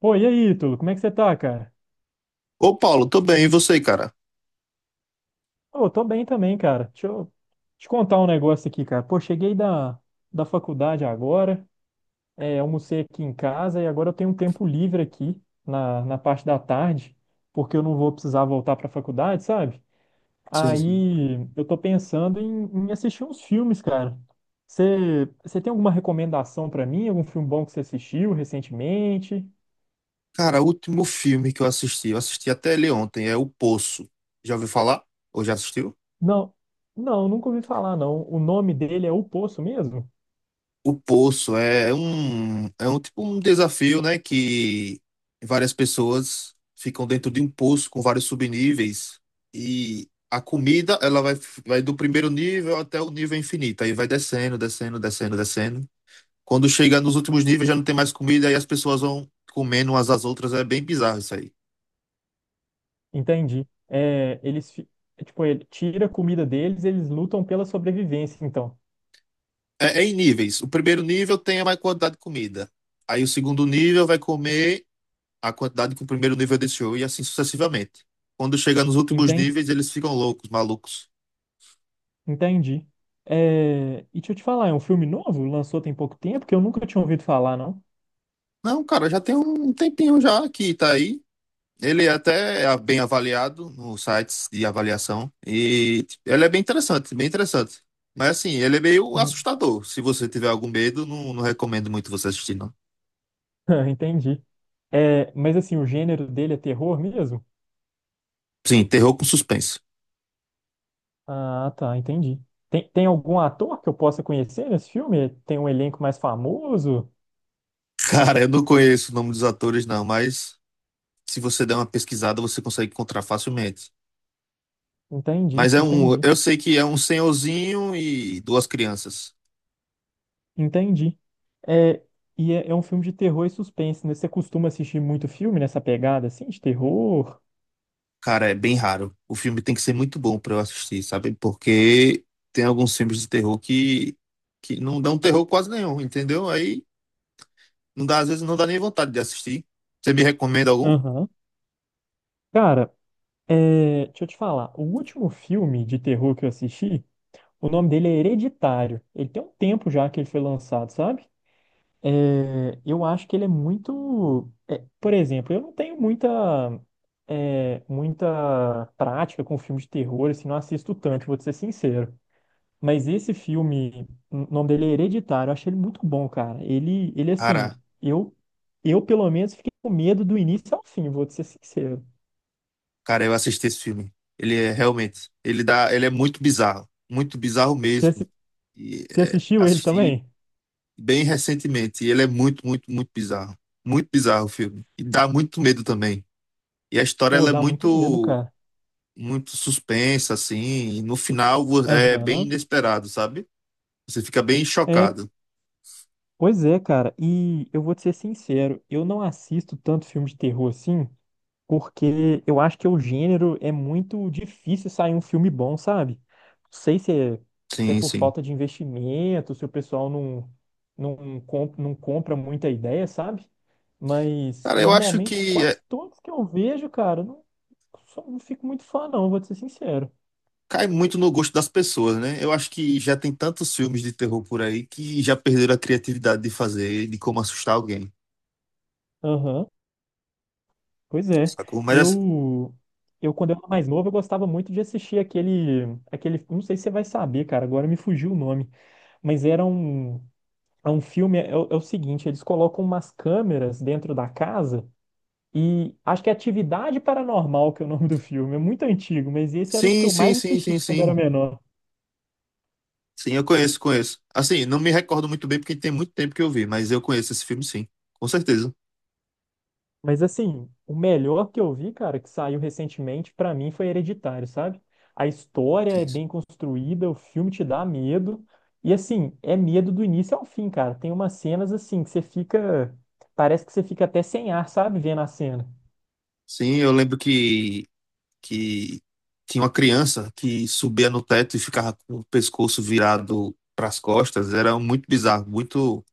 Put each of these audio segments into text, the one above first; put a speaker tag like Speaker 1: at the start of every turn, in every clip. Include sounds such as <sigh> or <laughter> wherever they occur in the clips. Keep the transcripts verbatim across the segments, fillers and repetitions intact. Speaker 1: Pô, e aí, Ítalo, como é que você tá, cara?
Speaker 2: Ô, Paulo, tô bem, e você, cara?
Speaker 1: Ô, tô bem também, cara. Deixa eu te contar um negócio aqui, cara. Pô, cheguei da, da faculdade agora, é, almocei aqui em casa e agora eu tenho um tempo livre aqui na, na parte da tarde, porque eu não vou precisar voltar pra faculdade, sabe?
Speaker 2: Sim, sim.
Speaker 1: Aí eu tô pensando em, em assistir uns filmes, cara. Você você tem alguma recomendação pra mim? Algum filme bom que você assistiu recentemente?
Speaker 2: Cara, o último filme que eu assisti, eu assisti até ele ontem, é O Poço. Já ouviu falar? Ou já assistiu?
Speaker 1: Não, não, nunca ouvi falar, não. O nome dele é O Poço mesmo?
Speaker 2: O Poço é um, é um tipo um desafio, né? Que várias pessoas ficam dentro de um poço com vários subníveis e a comida, ela vai, vai do primeiro nível até o nível infinito. Aí vai descendo, descendo, descendo, descendo. Quando chega nos últimos níveis já não tem mais comida e as pessoas vão comendo umas às outras. É bem bizarro isso aí.
Speaker 1: Entendi. É, eles, fi- é, tipo, ele tira a comida deles, eles lutam pela sobrevivência, então.
Speaker 2: É, é em níveis. O primeiro nível tem a maior quantidade de comida. Aí o segundo nível vai comer a quantidade que o primeiro nível deixou e assim sucessivamente. Quando chega nos últimos
Speaker 1: Enten-
Speaker 2: níveis, eles ficam loucos, malucos.
Speaker 1: Entendi. É, e deixa eu te falar, é um filme novo? Lançou tem pouco tempo, que eu nunca tinha ouvido falar, não.
Speaker 2: Não, cara, já tem um tempinho já que tá aí. Ele é até é bem avaliado nos sites de avaliação e ele é bem interessante, bem interessante. Mas assim, ele é meio
Speaker 1: En-
Speaker 2: assustador. Se você tiver algum medo, não, não recomendo muito você assistir, não.
Speaker 1: <laughs> Entendi. É, mas assim, o gênero dele é terror mesmo?
Speaker 2: Sim, terror com suspense.
Speaker 1: Ah, tá, entendi. Tem, tem algum ator que eu possa conhecer nesse filme? Tem um elenco mais famoso?
Speaker 2: <laughs> Cara, eu não conheço o nome dos atores, não, mas se você der uma pesquisada, você consegue encontrar facilmente.
Speaker 1: Entendi,
Speaker 2: Mas é um,
Speaker 1: entendi.
Speaker 2: eu sei que é um senhorzinho e duas crianças.
Speaker 1: Entendi. É, e é, é um filme de terror e suspense, né? Você costuma assistir muito filme nessa pegada, assim, de terror?
Speaker 2: Cara, é bem raro. O filme tem que ser muito bom pra eu assistir, sabe? Porque tem alguns filmes de terror que, que não dão terror quase nenhum, entendeu? Aí não dá, às vezes não dá nem vontade de assistir. Você me recomenda algum?
Speaker 1: Aham. Cara, é, deixa eu te falar. O último filme de terror que eu assisti, o nome dele é Hereditário. Ele tem um tempo já que ele foi lançado, sabe? É, eu acho que ele é muito. É, por exemplo, eu não tenho muita, é, muita prática com filme de terror, assim, não assisto tanto, vou te ser sincero. Mas esse filme, o nome dele é Hereditário, eu achei ele muito bom, cara. Ele, ele assim,
Speaker 2: Cara,
Speaker 1: eu, eu pelo menos fiquei com medo do início ao fim, vou te ser sincero.
Speaker 2: cara, eu assisti esse filme. Ele é realmente, ele dá, ele é muito bizarro, muito bizarro
Speaker 1: Você,
Speaker 2: mesmo.
Speaker 1: assi-
Speaker 2: E
Speaker 1: Você
Speaker 2: é,
Speaker 1: assistiu ele
Speaker 2: assistir
Speaker 1: também?
Speaker 2: bem recentemente. E ele é muito, muito, muito bizarro. Muito bizarro o filme. E dá muito medo também. E a história
Speaker 1: Pô,
Speaker 2: ela é
Speaker 1: dá muito medo,
Speaker 2: muito,
Speaker 1: cara.
Speaker 2: muito suspensa, assim. E no final vo- é bem
Speaker 1: Aham.
Speaker 2: inesperado, sabe? Você fica bem
Speaker 1: É,
Speaker 2: chocado.
Speaker 1: pois é, cara. E eu vou te ser sincero, eu não assisto tanto filme de terror assim, porque eu acho que o gênero é muito difícil sair um filme bom, sabe? Não sei se é, se é
Speaker 2: Sim,
Speaker 1: por
Speaker 2: sim.
Speaker 1: falta de investimento, se o pessoal não, não, comp- não compra muita ideia, sabe? Mas
Speaker 2: Cara, eu acho
Speaker 1: normalmente
Speaker 2: que é,
Speaker 1: quase todos que eu vejo, cara, não, só não fico muito fã, não, vou te ser sincero.
Speaker 2: cai muito no gosto das pessoas, né? Eu acho que já tem tantos filmes de terror por aí que já perderam a criatividade de fazer, de como assustar alguém.
Speaker 1: Aham, pois é.
Speaker 2: Sacou? Mas assim,
Speaker 1: Eu, eu, quando eu era mais novo, eu gostava muito de assistir aquele, aquele. Não sei se você vai saber, cara, agora me fugiu o nome. Mas era um. É um filme, é, é o é o seguinte, eles colocam umas câmeras dentro da casa e acho que é Atividade Paranormal, que é o nome do filme, é muito antigo, mas esse era os que
Speaker 2: sim,
Speaker 1: eu
Speaker 2: sim,
Speaker 1: mais
Speaker 2: sim, sim,
Speaker 1: assisti quando era
Speaker 2: sim.
Speaker 1: menor.
Speaker 2: Sim, eu conheço, conheço. Assim, não me recordo muito bem porque tem muito tempo que eu vi, mas eu conheço esse filme, sim. Com certeza.
Speaker 1: Mas assim, o melhor que eu vi, cara, que saiu recentemente, pra mim foi Hereditário, sabe? A história é
Speaker 2: Sim, sim.
Speaker 1: bem construída, o filme te dá medo, e assim, é medo do início ao fim, cara. Tem umas cenas assim que você fica, parece que você fica até sem ar, sabe, vendo a cena.
Speaker 2: Sim, eu lembro que, que tinha uma criança que subia no teto e ficava com o pescoço virado para as costas. Era muito bizarro, muito,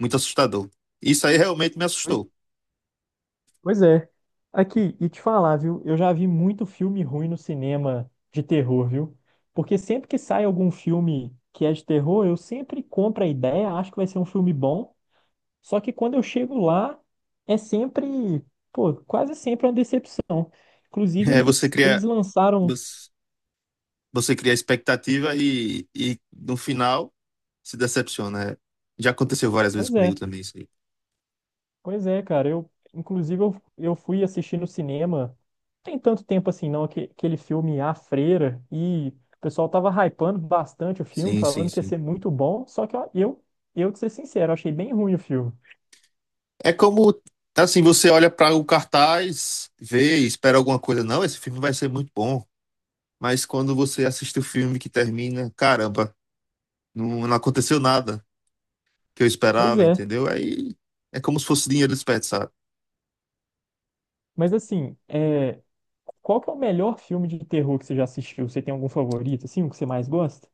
Speaker 2: muito assustador. Isso aí realmente me assustou.
Speaker 1: Pois é. Aqui, e te falar, viu? Eu já vi muito filme ruim no cinema de terror, viu? Porque sempre que sai algum filme que é de terror, eu sempre compro a ideia, acho que vai ser um filme bom. Só que quando eu chego lá, é sempre, pô, quase sempre uma decepção.
Speaker 2: <laughs>
Speaker 1: Inclusive,
Speaker 2: É, você
Speaker 1: eles, eles
Speaker 2: cria,
Speaker 1: lançaram.
Speaker 2: você você cria expectativa e, e no final se decepciona. É, já aconteceu várias vezes
Speaker 1: Pois
Speaker 2: comigo
Speaker 1: é.
Speaker 2: também, isso aí.
Speaker 1: Pois é, cara. Eu, inclusive, eu, eu fui assistir no cinema. Tem tanto tempo assim, não, aque- aquele filme A Freira. E o pessoal tava hypando bastante o filme,
Speaker 2: Sim, sim,
Speaker 1: falando que ia
Speaker 2: sim.
Speaker 1: ser muito bom. Só que ó, eu, eu, de ser sincero, achei bem ruim o filme.
Speaker 2: É como, assim, você olha para o cartaz, vê, e espera alguma coisa. Não, esse filme vai ser muito bom. Mas quando você assiste o filme que termina, caramba, não, não aconteceu nada que eu
Speaker 1: Pois
Speaker 2: esperava,
Speaker 1: é.
Speaker 2: entendeu? Aí é como se fosse dinheiro desperdiçado.
Speaker 1: Mas assim, é, qual que é o melhor filme de terror que você já assistiu? Você tem algum favorito, assim, o que você mais gosta?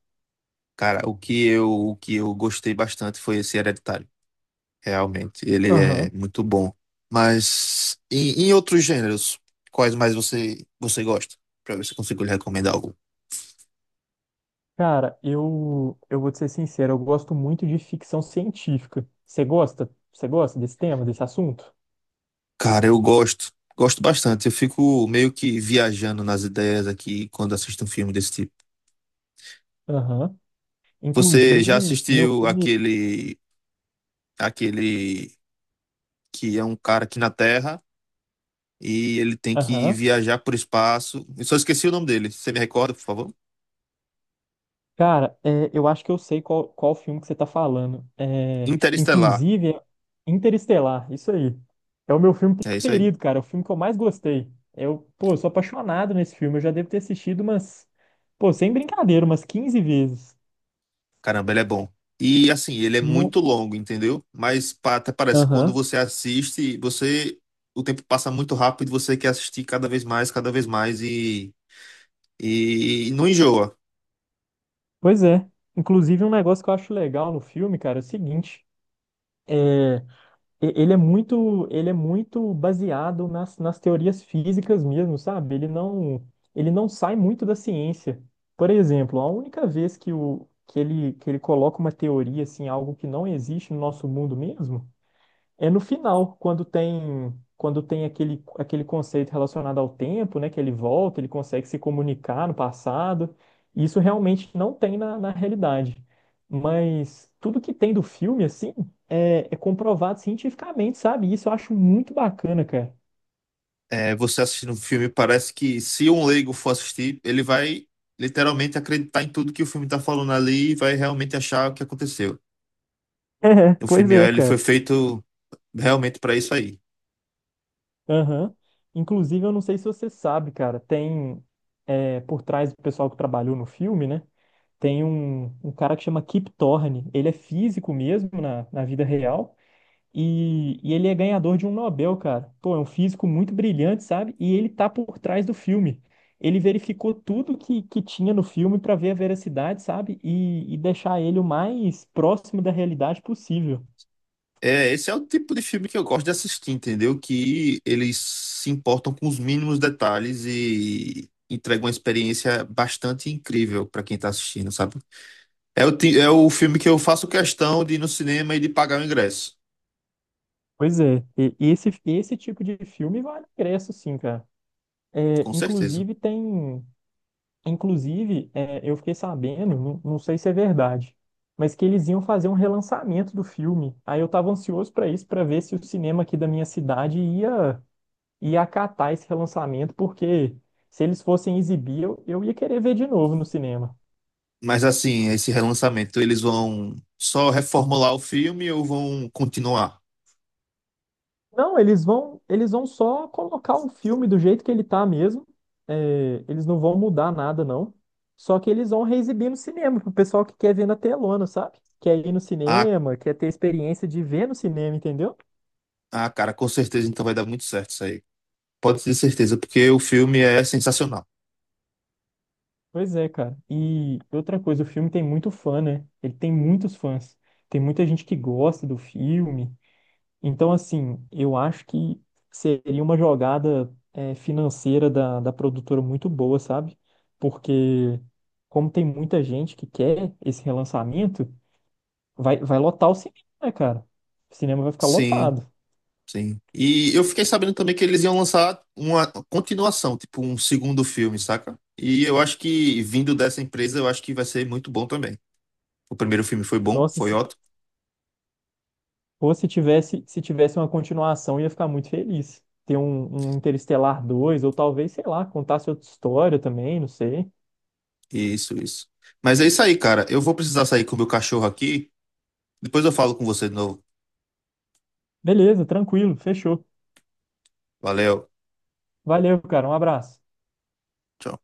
Speaker 2: Cara, o que eu, o que eu gostei bastante foi esse Hereditário. Realmente, ele é
Speaker 1: Aham.
Speaker 2: muito bom. Mas em, em outros gêneros, quais mais você, você gosta? Pra ver se eu consigo lhe recomendar algum.
Speaker 1: Cara, eu, eu vou te ser sincero, eu gosto muito de ficção científica. Você gosta? Você gosta desse tema, desse assunto?
Speaker 2: Cara, eu gosto, gosto bastante. Eu fico meio que viajando nas ideias aqui quando assisto um filme desse tipo.
Speaker 1: Aham.
Speaker 2: Você já
Speaker 1: Inclusive, meu
Speaker 2: assistiu
Speaker 1: filme.
Speaker 2: aquele, aquele que é um cara aqui na Terra e ele tem que
Speaker 1: Aham.
Speaker 2: viajar por espaço? Eu só esqueci o nome dele. Você me recorda, por favor?
Speaker 1: Cara, é, eu acho que eu sei qual, qual filme que você tá falando. É,
Speaker 2: Interestelar.
Speaker 1: inclusive, é Interestelar, isso aí. É o meu filme
Speaker 2: É isso aí.
Speaker 1: preferido, cara. É o filme que eu mais gostei. Eu, pô, eu sou apaixonado nesse filme. Eu já devo ter assistido umas. Pô, sem brincadeira, umas quinze vezes.
Speaker 2: Caramba, ele é bom. E assim, ele é
Speaker 1: No...
Speaker 2: muito longo, entendeu? Mas pa- até parece que quando
Speaker 1: Aham.
Speaker 2: você assiste, você o tempo passa muito rápido, e você quer assistir cada vez mais, cada vez mais. E não enjoa.
Speaker 1: Pois é. Inclusive, um negócio que eu acho legal no filme, cara, é o seguinte. é, e- ele é muito, ele é muito baseado nas, nas teorias físicas mesmo, sabe? Ele não, ele não sai muito da ciência. Por exemplo, a única vez que, o, que ele, que ele coloca uma teoria, assim, algo que não existe no nosso mundo mesmo, é no final, quando tem quando tem aquele, aquele conceito relacionado ao tempo, né, que ele volta, ele consegue se comunicar no passado. Isso realmente não tem na, na realidade. Mas tudo que tem do filme, assim, é, é comprovado cientificamente, sabe? Isso eu acho muito bacana, cara. <laughs>
Speaker 2: É, você assistindo o filme, parece que se um leigo for assistir, ele vai literalmente acreditar em tudo que o filme está falando ali e vai realmente achar o que aconteceu.
Speaker 1: É,
Speaker 2: O
Speaker 1: pois
Speaker 2: filme
Speaker 1: é,
Speaker 2: ele foi
Speaker 1: cara.
Speaker 2: feito realmente para isso aí.
Speaker 1: Aham. Inclusive, eu não sei se você sabe, cara, tem é, por trás do pessoal que trabalhou no filme, né? Tem um, um cara que chama Kip Thorne. Ele é físico mesmo na, na vida real. E, e ele é ganhador de um Nobel, cara. Pô, é um físico muito brilhante, sabe? E ele tá por trás do filme. Ele verificou tudo que, que tinha no filme para ver a veracidade, sabe? E, e deixar ele o mais próximo da realidade possível.
Speaker 2: É, esse é o tipo de filme que eu gosto de assistir, entendeu? Que eles se importam com os mínimos detalhes e entregam uma experiência bastante incrível para quem tá assistindo, sabe? É o, ti- é o filme que eu faço questão de ir no cinema e de pagar o ingresso,
Speaker 1: Pois é, e- esse, esse tipo de filme vale ingresso, sim, cara. É,
Speaker 2: com certeza.
Speaker 1: inclusive tem. Inclusive, é, eu fiquei sabendo, não, não sei se é verdade, mas que eles iam fazer um relançamento do filme. Aí eu estava ansioso para isso, para ver se o cinema aqui da minha cidade ia, ia acatar esse relançamento, porque se eles fossem exibir, eu, eu ia querer ver de novo no cinema.
Speaker 2: Mas assim, esse relançamento, eles vão só reformular o filme ou vão continuar?
Speaker 1: Não, eles vão, eles vão só colocar o filme do jeito que ele tá mesmo. É, eles não vão mudar nada, não. Só que eles vão reexibir no cinema, pro pessoal que quer ver na telona, sabe? Quer ir no
Speaker 2: Ah,
Speaker 1: cinema, quer ter a experiência de ver no cinema, entendeu?
Speaker 2: ah, cara, com certeza então vai dar muito certo isso aí. Pode ter certeza, porque o filme é sensacional.
Speaker 1: Pois é, cara. E outra coisa, o filme tem muito fã, né? Ele tem muitos fãs. Tem muita gente que gosta do filme. Então, assim, eu acho que seria uma jogada eh, financeira da, da produtora muito boa, sabe? Porque, como tem muita gente que quer esse relançamento, vai, vai lotar o cinema, né, cara? O cinema vai ficar
Speaker 2: Sim,
Speaker 1: lotado.
Speaker 2: sim. E eu fiquei sabendo também que eles iam lançar uma continuação, tipo um segundo filme, saca? E eu acho que vindo dessa empresa, eu acho que vai ser muito bom também. O primeiro filme foi bom,
Speaker 1: Nossa,
Speaker 2: foi
Speaker 1: se
Speaker 2: ótimo.
Speaker 1: fosse tivesse, se tivesse uma continuação, eu ia ficar muito feliz. Ter um, um Interestelar dois ou talvez, sei lá, contasse outra história também, não sei.
Speaker 2: Isso, isso. Mas é isso aí, cara. Eu vou precisar sair com o meu cachorro aqui. Depois eu falo com você de novo.
Speaker 1: Beleza, tranquilo, fechou.
Speaker 2: Valeu.
Speaker 1: Valeu, cara, um abraço.
Speaker 2: Tchau.